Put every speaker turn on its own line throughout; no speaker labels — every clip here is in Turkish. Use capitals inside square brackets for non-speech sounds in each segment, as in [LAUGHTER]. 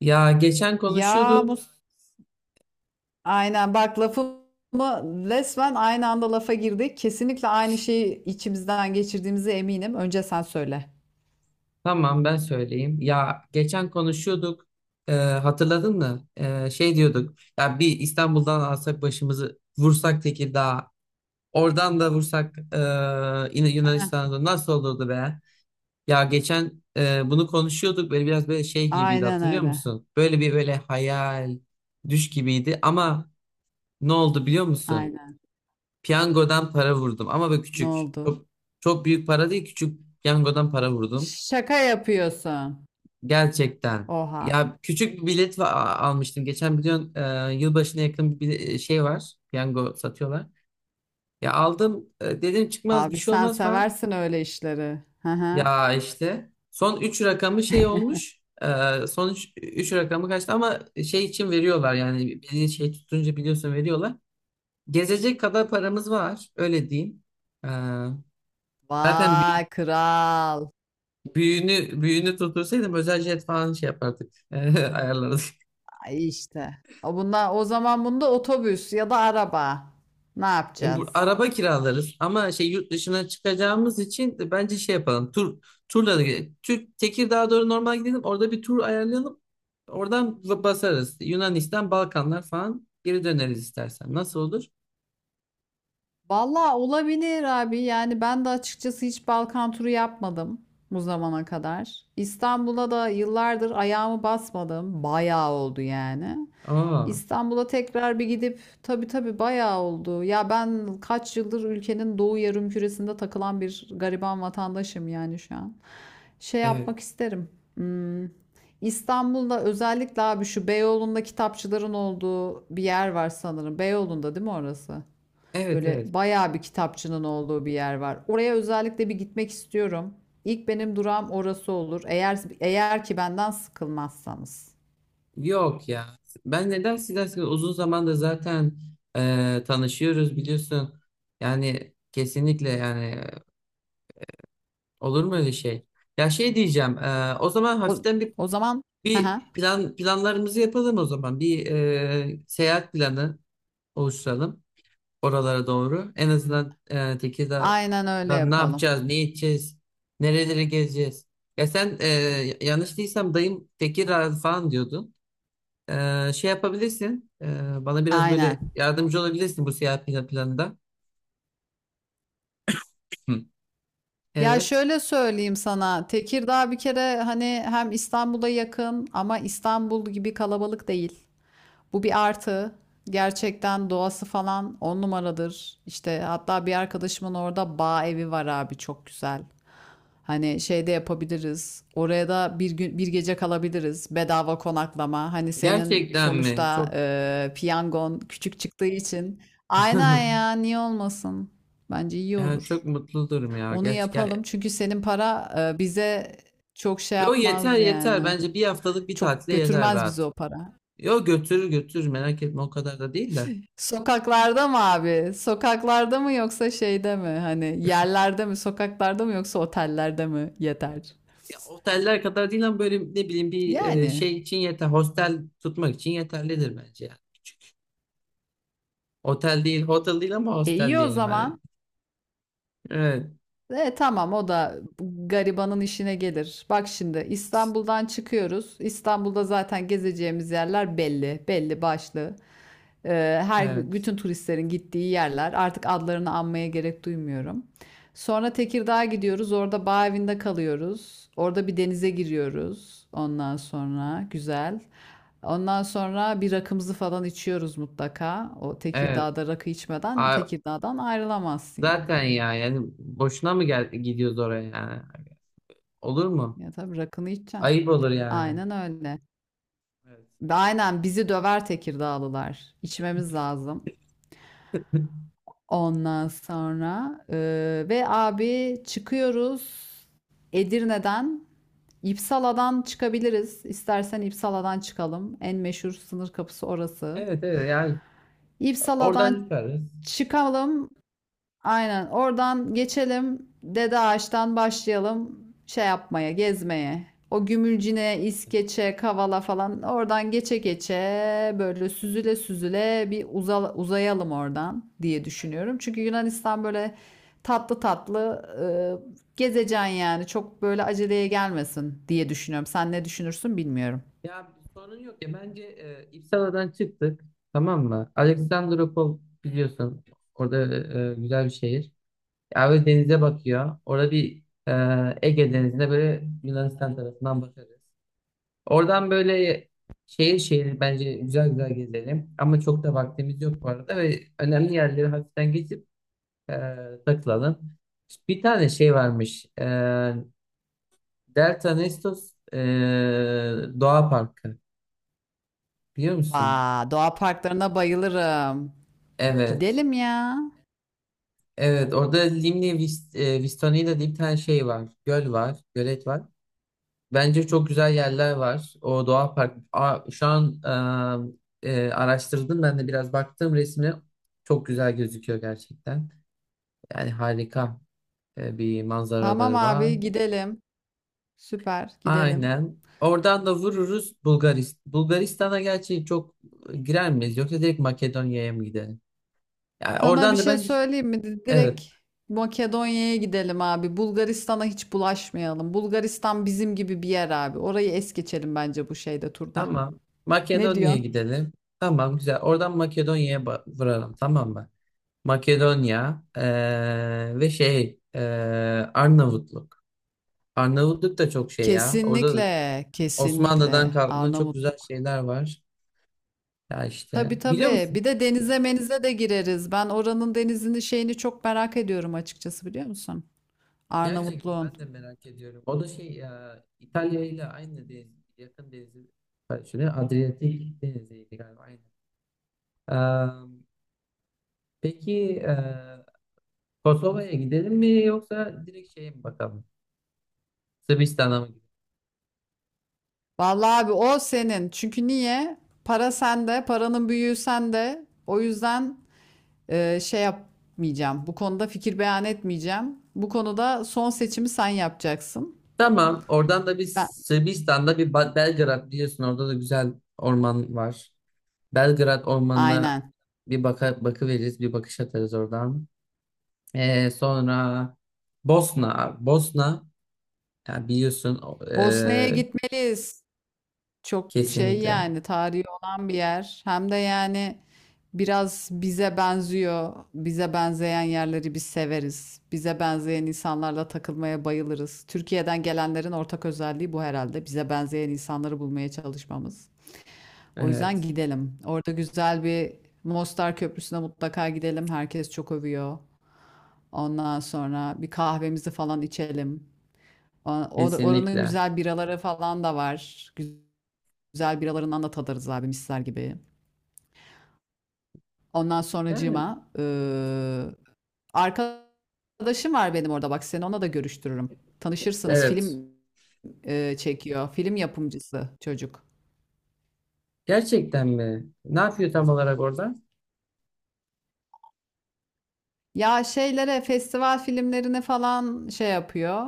Ya geçen
Ya
konuşuyorduk.
Mus aynen bak lafımı resmen aynı anda lafa girdik. Kesinlikle aynı şeyi içimizden geçirdiğimize eminim. Önce sen söyle.
Tamam, ben söyleyeyim. Ya geçen konuşuyorduk. Hatırladın mı? Şey diyorduk. Ya bir İstanbul'dan alsak başımızı vursak Tekirdağ'a. Oradan da vursak yine
Heh,
Yunanistan'da nasıl olurdu be? Ya geçen bunu konuşuyorduk. Böyle biraz böyle şey gibiydi,
aynen
hatırlıyor
öyle.
musun? Böyle bir böyle hayal, düş gibiydi. Ama ne oldu biliyor musun?
Aynen.
Piyangodan para vurdum. Ama böyle
Ne
küçük.
oldu?
Çok, çok büyük para değil, küçük piyangodan para vurdum.
Şaka yapıyorsun.
Gerçekten.
Oha.
Ya küçük bir bilet va- almıştım. Geçen biliyorsun yılbaşına yakın bir şey var. Piyango satıyorlar. Ya aldım, dedim çıkmaz, bir
Abi
şey
sen
olmaz mı?
seversin öyle işleri. Hı hı.
Ya işte son 3 rakamı şey olmuş. Son 3 rakamı kaçtı ama şey için veriyorlar, yani beni şey tutunca biliyorsun veriyorlar. Gezecek kadar paramız var, öyle diyeyim. E, Zaten
Vay kral.
büyüğünü tutursaydım özel jet falan şey yapardık. [LAUGHS] Ayarlarız.
Ay işte. O bunlar o zaman bunda otobüs ya da araba. Ne
Bu,
yapacağız?
araba kiralarız ama şey, yurt dışına çıkacağımız için de bence şey yapalım. Turla da gidelim. Türk Tekirdağ'a doğru normal gidelim. Orada bir tur ayarlayalım. Oradan basarız. Yunanistan, Balkanlar falan geri döneriz istersen. Nasıl olur?
Valla olabilir abi. Yani ben de açıkçası hiç Balkan turu yapmadım bu zamana kadar. İstanbul'a da yıllardır ayağımı basmadım. Bayağı oldu yani.
Aa,
İstanbul'a tekrar bir gidip tabii tabii bayağı oldu. Ya ben kaç yıldır ülkenin doğu yarımküresinde takılan bir gariban vatandaşım yani şu an. Şey
evet.
yapmak isterim. Hmm, İstanbul'da özellikle abi şu Beyoğlu'nda kitapçıların olduğu bir yer var sanırım. Beyoğlu'nda değil mi orası?
Evet,
Böyle
evet.
bayağı bir kitapçının olduğu bir yer var. Oraya özellikle bir gitmek istiyorum. İlk benim durağım orası olur. Eğer ki benden sıkılmazsanız.
Yok ya. Ben neden sizden? Uzun zamandır zaten tanışıyoruz biliyorsun. Yani kesinlikle yani, olur mu öyle şey? Ya şey diyeceğim. O zaman
O,
hafiften bir
o zaman [LAUGHS] hı hı.
bir plan, planlarımızı yapalım o zaman. Bir seyahat planı oluşturalım oralara doğru. En azından
Aynen öyle
Tekirdağ'dan ne
yapalım.
yapacağız, ne edeceğiz, nereleri gezeceğiz. Ya sen, yanlış değilsem dayım Tekirdağ falan diyordun. Şey yapabilirsin. Bana biraz böyle
Aynen.
yardımcı olabilirsin bu seyahat planında. Hı.
Ya
Evet.
şöyle söyleyeyim sana. Tekirdağ bir kere hani hem İstanbul'a yakın ama İstanbul gibi kalabalık değil. Bu bir artı. Gerçekten doğası falan on numaradır. İşte hatta bir arkadaşımın orada bağ evi var abi çok güzel. Hani şey de yapabiliriz. Oraya da bir gün bir gece kalabiliriz. Bedava konaklama. Hani senin
Gerçekten mi?
sonuçta
Çok.
piyangon küçük çıktığı için. Aynen
[LAUGHS]
ya niye olmasın? Bence iyi
Ya çok
olur.
mutlu durum ya.
Onu
Gerçekten.
yapalım. Çünkü senin para bize çok şey
Yo, yeter
yapmaz
yeter.
yani.
Bence bir haftalık bir
Çok
tatile yeter
götürmez bizi
rahat.
o para.
Yo, götürür götürür, merak etme, o kadar da değil de.
Sokaklarda mı abi? Sokaklarda mı yoksa şeyde mi? Hani yerlerde mi? Sokaklarda mı yoksa otellerde mi? Yeter.
Ya, oteller kadar değil ama böyle ne bileyim bir
Yani.
şey için yeter. Hostel tutmak için yeterlidir bence yani. Otel değil, hotel değil ama
E
hostel
iyi o
diyelim hadi.
zaman.
Evet,
E tamam o da garibanın işine gelir. Bak şimdi İstanbul'dan çıkıyoruz. İstanbul'da zaten gezeceğimiz yerler belli, belli başlı. Her
evet,
bütün turistlerin gittiği yerler. Artık adlarını anmaya gerek duymuyorum. Sonra Tekirdağ'a gidiyoruz. Orada bağ evinde kalıyoruz. Orada bir denize giriyoruz. Ondan sonra güzel. Ondan sonra bir rakımızı falan içiyoruz mutlaka. O
evet.
Tekirdağ'da rakı içmeden
A-
Tekirdağ'dan ayrılamazsın
Zaten
yani.
ya yani boşuna mı gel gidiyoruz oraya yani? Olur mu?
Ya tabii rakını içeceksin.
Ayıp olur yani.
Aynen öyle.
Evet.
Aynen bizi döver Tekirdağlılar. İçmemiz lazım.
[LAUGHS]
Ondan sonra ve abi çıkıyoruz Edirne'den. İpsala'dan çıkabiliriz. İstersen İpsala'dan çıkalım. En meşhur sınır kapısı orası.
Evet, evet yani oradan
İpsala'dan
çıkarız.
çıkalım. Aynen. Oradan geçelim. Dede Ağaç'tan başlayalım şey yapmaya, gezmeye. O Gümülcine, İskeçe, Kavala falan oradan geçe geçe böyle süzüle süzüle bir uzayalım oradan diye düşünüyorum. Çünkü Yunanistan böyle tatlı tatlı gezeceksin yani. Çok böyle aceleye gelmesin diye düşünüyorum. Sen ne düşünürsün bilmiyorum.
Ya sorun yok ya. Bence İpsala'dan çıktık, tamam mı? Alexandropol biliyorsun, orada güzel bir şehir. Ya böyle denize bakıyor. Orada bir, Ege Denizi'ne böyle Yunanistan tarafından bakarız. Oradan böyle şehir şehir bence güzel güzel gezelim. Ama çok da vaktimiz yok bu arada ve önemli yerleri hafiften geçip e, takılalım. Bir tane şey varmış. Delta Nestos, Doğa Parkı, biliyor musun?
Vaa, doğa parklarına bayılırım.
Evet.
Gidelim ya.
Evet, orada Limni Vistonya'da diye bir tane şey var. Göl var. Gölet var. Bence çok güzel yerler var. O doğa park. Aa, şu an araştırdım, ben de biraz baktım resmi. Çok güzel gözüküyor gerçekten. Yani harika bir
Tamam
manzaraları var.
abi gidelim. Süper gidelim.
Aynen. Oradan da vururuz Bulgaristan. Bulgaristan'a gerçi çok girer miyiz, yoksa direkt Makedonya'ya mı gidelim? Yani
Sana bir
oradan da
şey
bence
söyleyeyim mi?
evet.
Direkt Makedonya'ya gidelim abi. Bulgaristan'a hiç bulaşmayalım. Bulgaristan bizim gibi bir yer abi. Orayı es geçelim bence bu şeyde turda.
Tamam.
Ne
Makedonya'ya
diyorsun?
gidelim. Tamam, güzel. Oradan Makedonya'ya vuralım, tamam mı? Makedonya, ve şey, Arnavutluk. Arnavutluk da çok şey ya. Orada da
Kesinlikle,
Osmanlı'dan
kesinlikle
kalma çok güzel
Arnavutluk.
şeyler var. Ya
Tabii
işte, biliyor
tabii.
musun?
Bir de denize menize de gireriz. Ben oranın denizini şeyini çok merak ediyorum açıkçası biliyor musun?
Gerçekten
Arnavutluğun.
ben de merak ediyorum. O da şey ya, İtalya ile aynı deniz, yakın denizi paylaşıyor. Adriyatik deniziydi galiba, aynı. Eee, peki Kosova'ya gidelim mi, yoksa direkt şeye mi bakalım? Sırbistan'a mı gidelim?
Vallahi abi o senin. Çünkü niye? Para sende, paranın büyüğü sende. O yüzden şey yapmayacağım. Bu konuda fikir beyan etmeyeceğim. Bu konuda son seçimi sen yapacaksın.
Tamam. Oradan da biz
Ben,
Sırbistan'da bir Belgrad, biliyorsun, orada da güzel orman var. Belgrad ormanına
aynen.
bir bakı veririz, bir bakış atarız oradan. Sonra Bosna, ya biliyorsun
Bosna'ya gitmeliyiz. Çok şey
kesinlikle.
yani tarihi olan bir yer. Hem de yani biraz bize benziyor. Bize benzeyen yerleri biz severiz. Bize benzeyen insanlarla takılmaya bayılırız. Türkiye'den gelenlerin ortak özelliği bu herhalde. Bize benzeyen insanları bulmaya çalışmamız. O yüzden
Evet,
gidelim. Orada güzel bir Mostar Köprüsü'ne mutlaka gidelim. Herkes çok övüyor. Ondan sonra bir kahvemizi falan içelim. Oranın
kesinlikle.
güzel biraları falan da var. Güzel biralarından da tadarız abi misler gibi. Ondan
Yani
sonracığıma arkadaşım var benim orada bak seni ona da görüştürürüm. Tanışırsınız.
evet.
Film çekiyor. Film yapımcısı çocuk.
Gerçekten mi? Ne yapıyor tam olarak orada?
Ya şeylere, festival filmlerine falan şey yapıyor,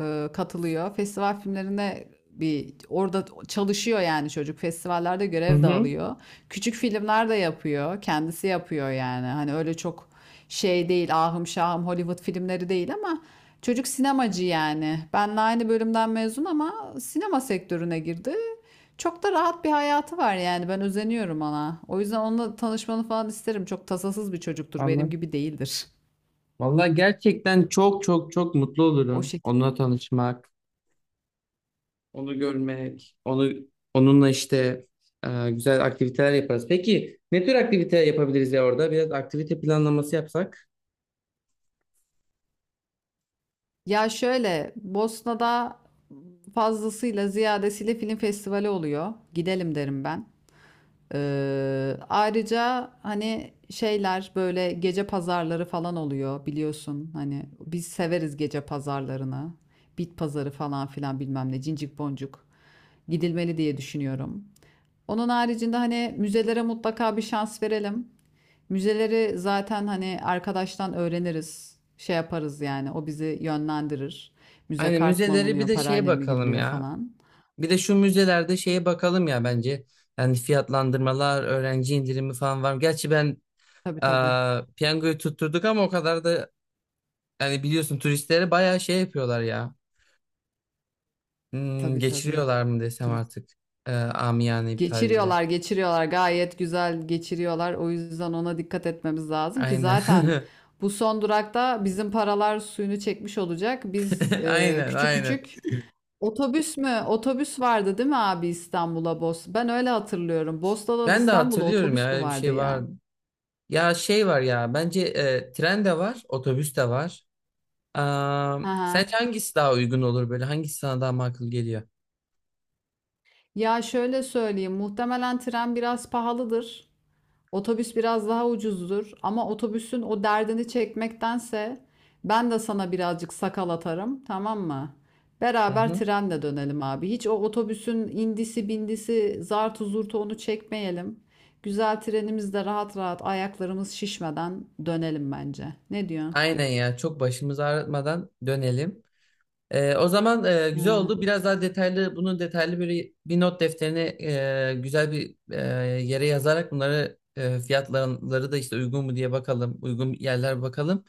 katılıyor. Festival filmlerine bir orada çalışıyor yani çocuk. Festivallerde
Hı
görev de
hı.
alıyor. Küçük filmler de yapıyor, kendisi yapıyor yani. Hani öyle çok şey değil, ahım şahım Hollywood filmleri değil ama çocuk sinemacı yani. Benle aynı bölümden mezun ama sinema sektörüne girdi. Çok da rahat bir hayatı var yani. Ben özeniyorum ona. O yüzden onunla tanışmanı falan isterim. Çok tasasız bir çocuktur. Benim
Anladım.
gibi değildir.
Vallahi gerçekten çok çok çok mutlu
O
olurum.
şekilde.
Onunla tanışmak, onu görmek, onunla işte güzel aktiviteler yaparız. Peki ne tür aktivite yapabiliriz ya orada? Biraz aktivite planlaması yapsak.
Ya şöyle Bosna'da fazlasıyla ziyadesiyle film festivali oluyor. Gidelim derim ben. Ayrıca hani şeyler böyle gece pazarları falan oluyor biliyorsun. Hani biz severiz gece pazarlarını. Bit pazarı falan filan bilmem ne cincik boncuk gidilmeli diye düşünüyorum. Onun haricinde hani müzelere mutlaka bir şans verelim. Müzeleri zaten hani arkadaştan öğreniriz. Şey yaparız yani o bizi yönlendirir. Müze
Aynen,
kart mı
müzeleri bir
alınıyor,
de şeye
parayla mı
bakalım
giriliyor
ya.
falan.
Bir de şu müzelerde şeye bakalım ya bence. Yani fiyatlandırmalar, öğrenci indirimi falan var mı? Gerçi ben
Tabii
e,
tabii.
piyangoyu tutturduk ama o kadar da yani, biliyorsun turistlere bayağı şey yapıyorlar ya. Hmm,
Tabii tabii.
geçiriyorlar mı desem
Turist.
artık, amiyane bir tabirle.
Geçiriyorlar, geçiriyorlar. Gayet güzel geçiriyorlar. O yüzden ona dikkat etmemiz lazım ki
Aynen.
zaten
[LAUGHS]
bu son durakta bizim paralar suyunu çekmiş olacak. Biz
Aynen,
küçük
aynen.
küçük Otobüs mü? Otobüs vardı değil mi abi İstanbul'a Bos? Ben öyle hatırlıyorum. Bosna'dan
Ben de
İstanbul'a
hatırlıyorum ya,
otobüs mü
öyle bir
vardı
şey
ya?
var. Ya şey var ya, bence tren de var, otobüs de var. Aa,
Hı hı.
sence hangisi daha uygun olur böyle? Hangisi sana daha makul geliyor?
Ya şöyle söyleyeyim, muhtemelen tren biraz pahalıdır. Otobüs biraz daha ucuzdur ama otobüsün o derdini çekmektense ben de sana birazcık sakal atarım, tamam mı?
Hı
Beraber
hı.
trenle dönelim abi. Hiç o otobüsün indisi bindisi zartu zurtu onu çekmeyelim. Güzel trenimizde rahat rahat ayaklarımız şişmeden dönelim bence. Ne diyorsun?
Aynen ya, çok başımızı ağrıtmadan dönelim. O zaman güzel
Aynen.
oldu. Biraz daha detaylı, bunun detaylı böyle bir not defterine, güzel bir yere yazarak bunları, fiyatları da işte uygun mu diye bakalım, uygun yerler bakalım.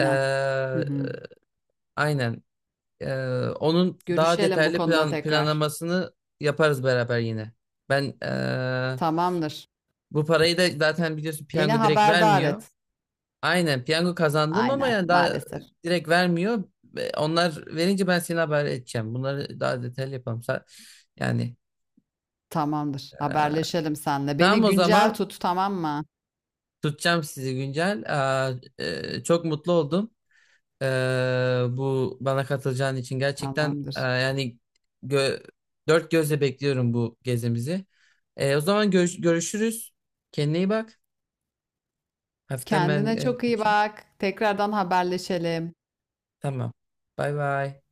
Ee,
Hı hı.
aynen. Ee, Onun daha
Görüşelim bu
detaylı
konuda tekrar.
planlamasını yaparız beraber yine. Ben,
Tamamdır.
bu parayı da zaten biliyorsun
Beni
piyango direkt
haberdar
vermiyor.
et.
Aynen, piyango kazandım ama
Aynen,
yani daha
maalesef.
direkt vermiyor. Ve onlar verince ben seni haber edeceğim. Bunları daha detaylı yapalım. Yani
Tamamdır. Haberleşelim seninle.
tamam,
Beni
o
güncel
zaman
tut, tamam mı?
tutacağım sizi güncel. Aa, çok mutlu oldum. Ee, Bu bana katılacağın için gerçekten,
Tamamdır.
yani gö- dört gözle bekliyorum bu gezimizi. O zaman görüşürüz. Kendine iyi bak. Hafiften ben
Kendine çok iyi
kaçayım.
bak. Tekrardan haberleşelim.
Tamam. Bay bay.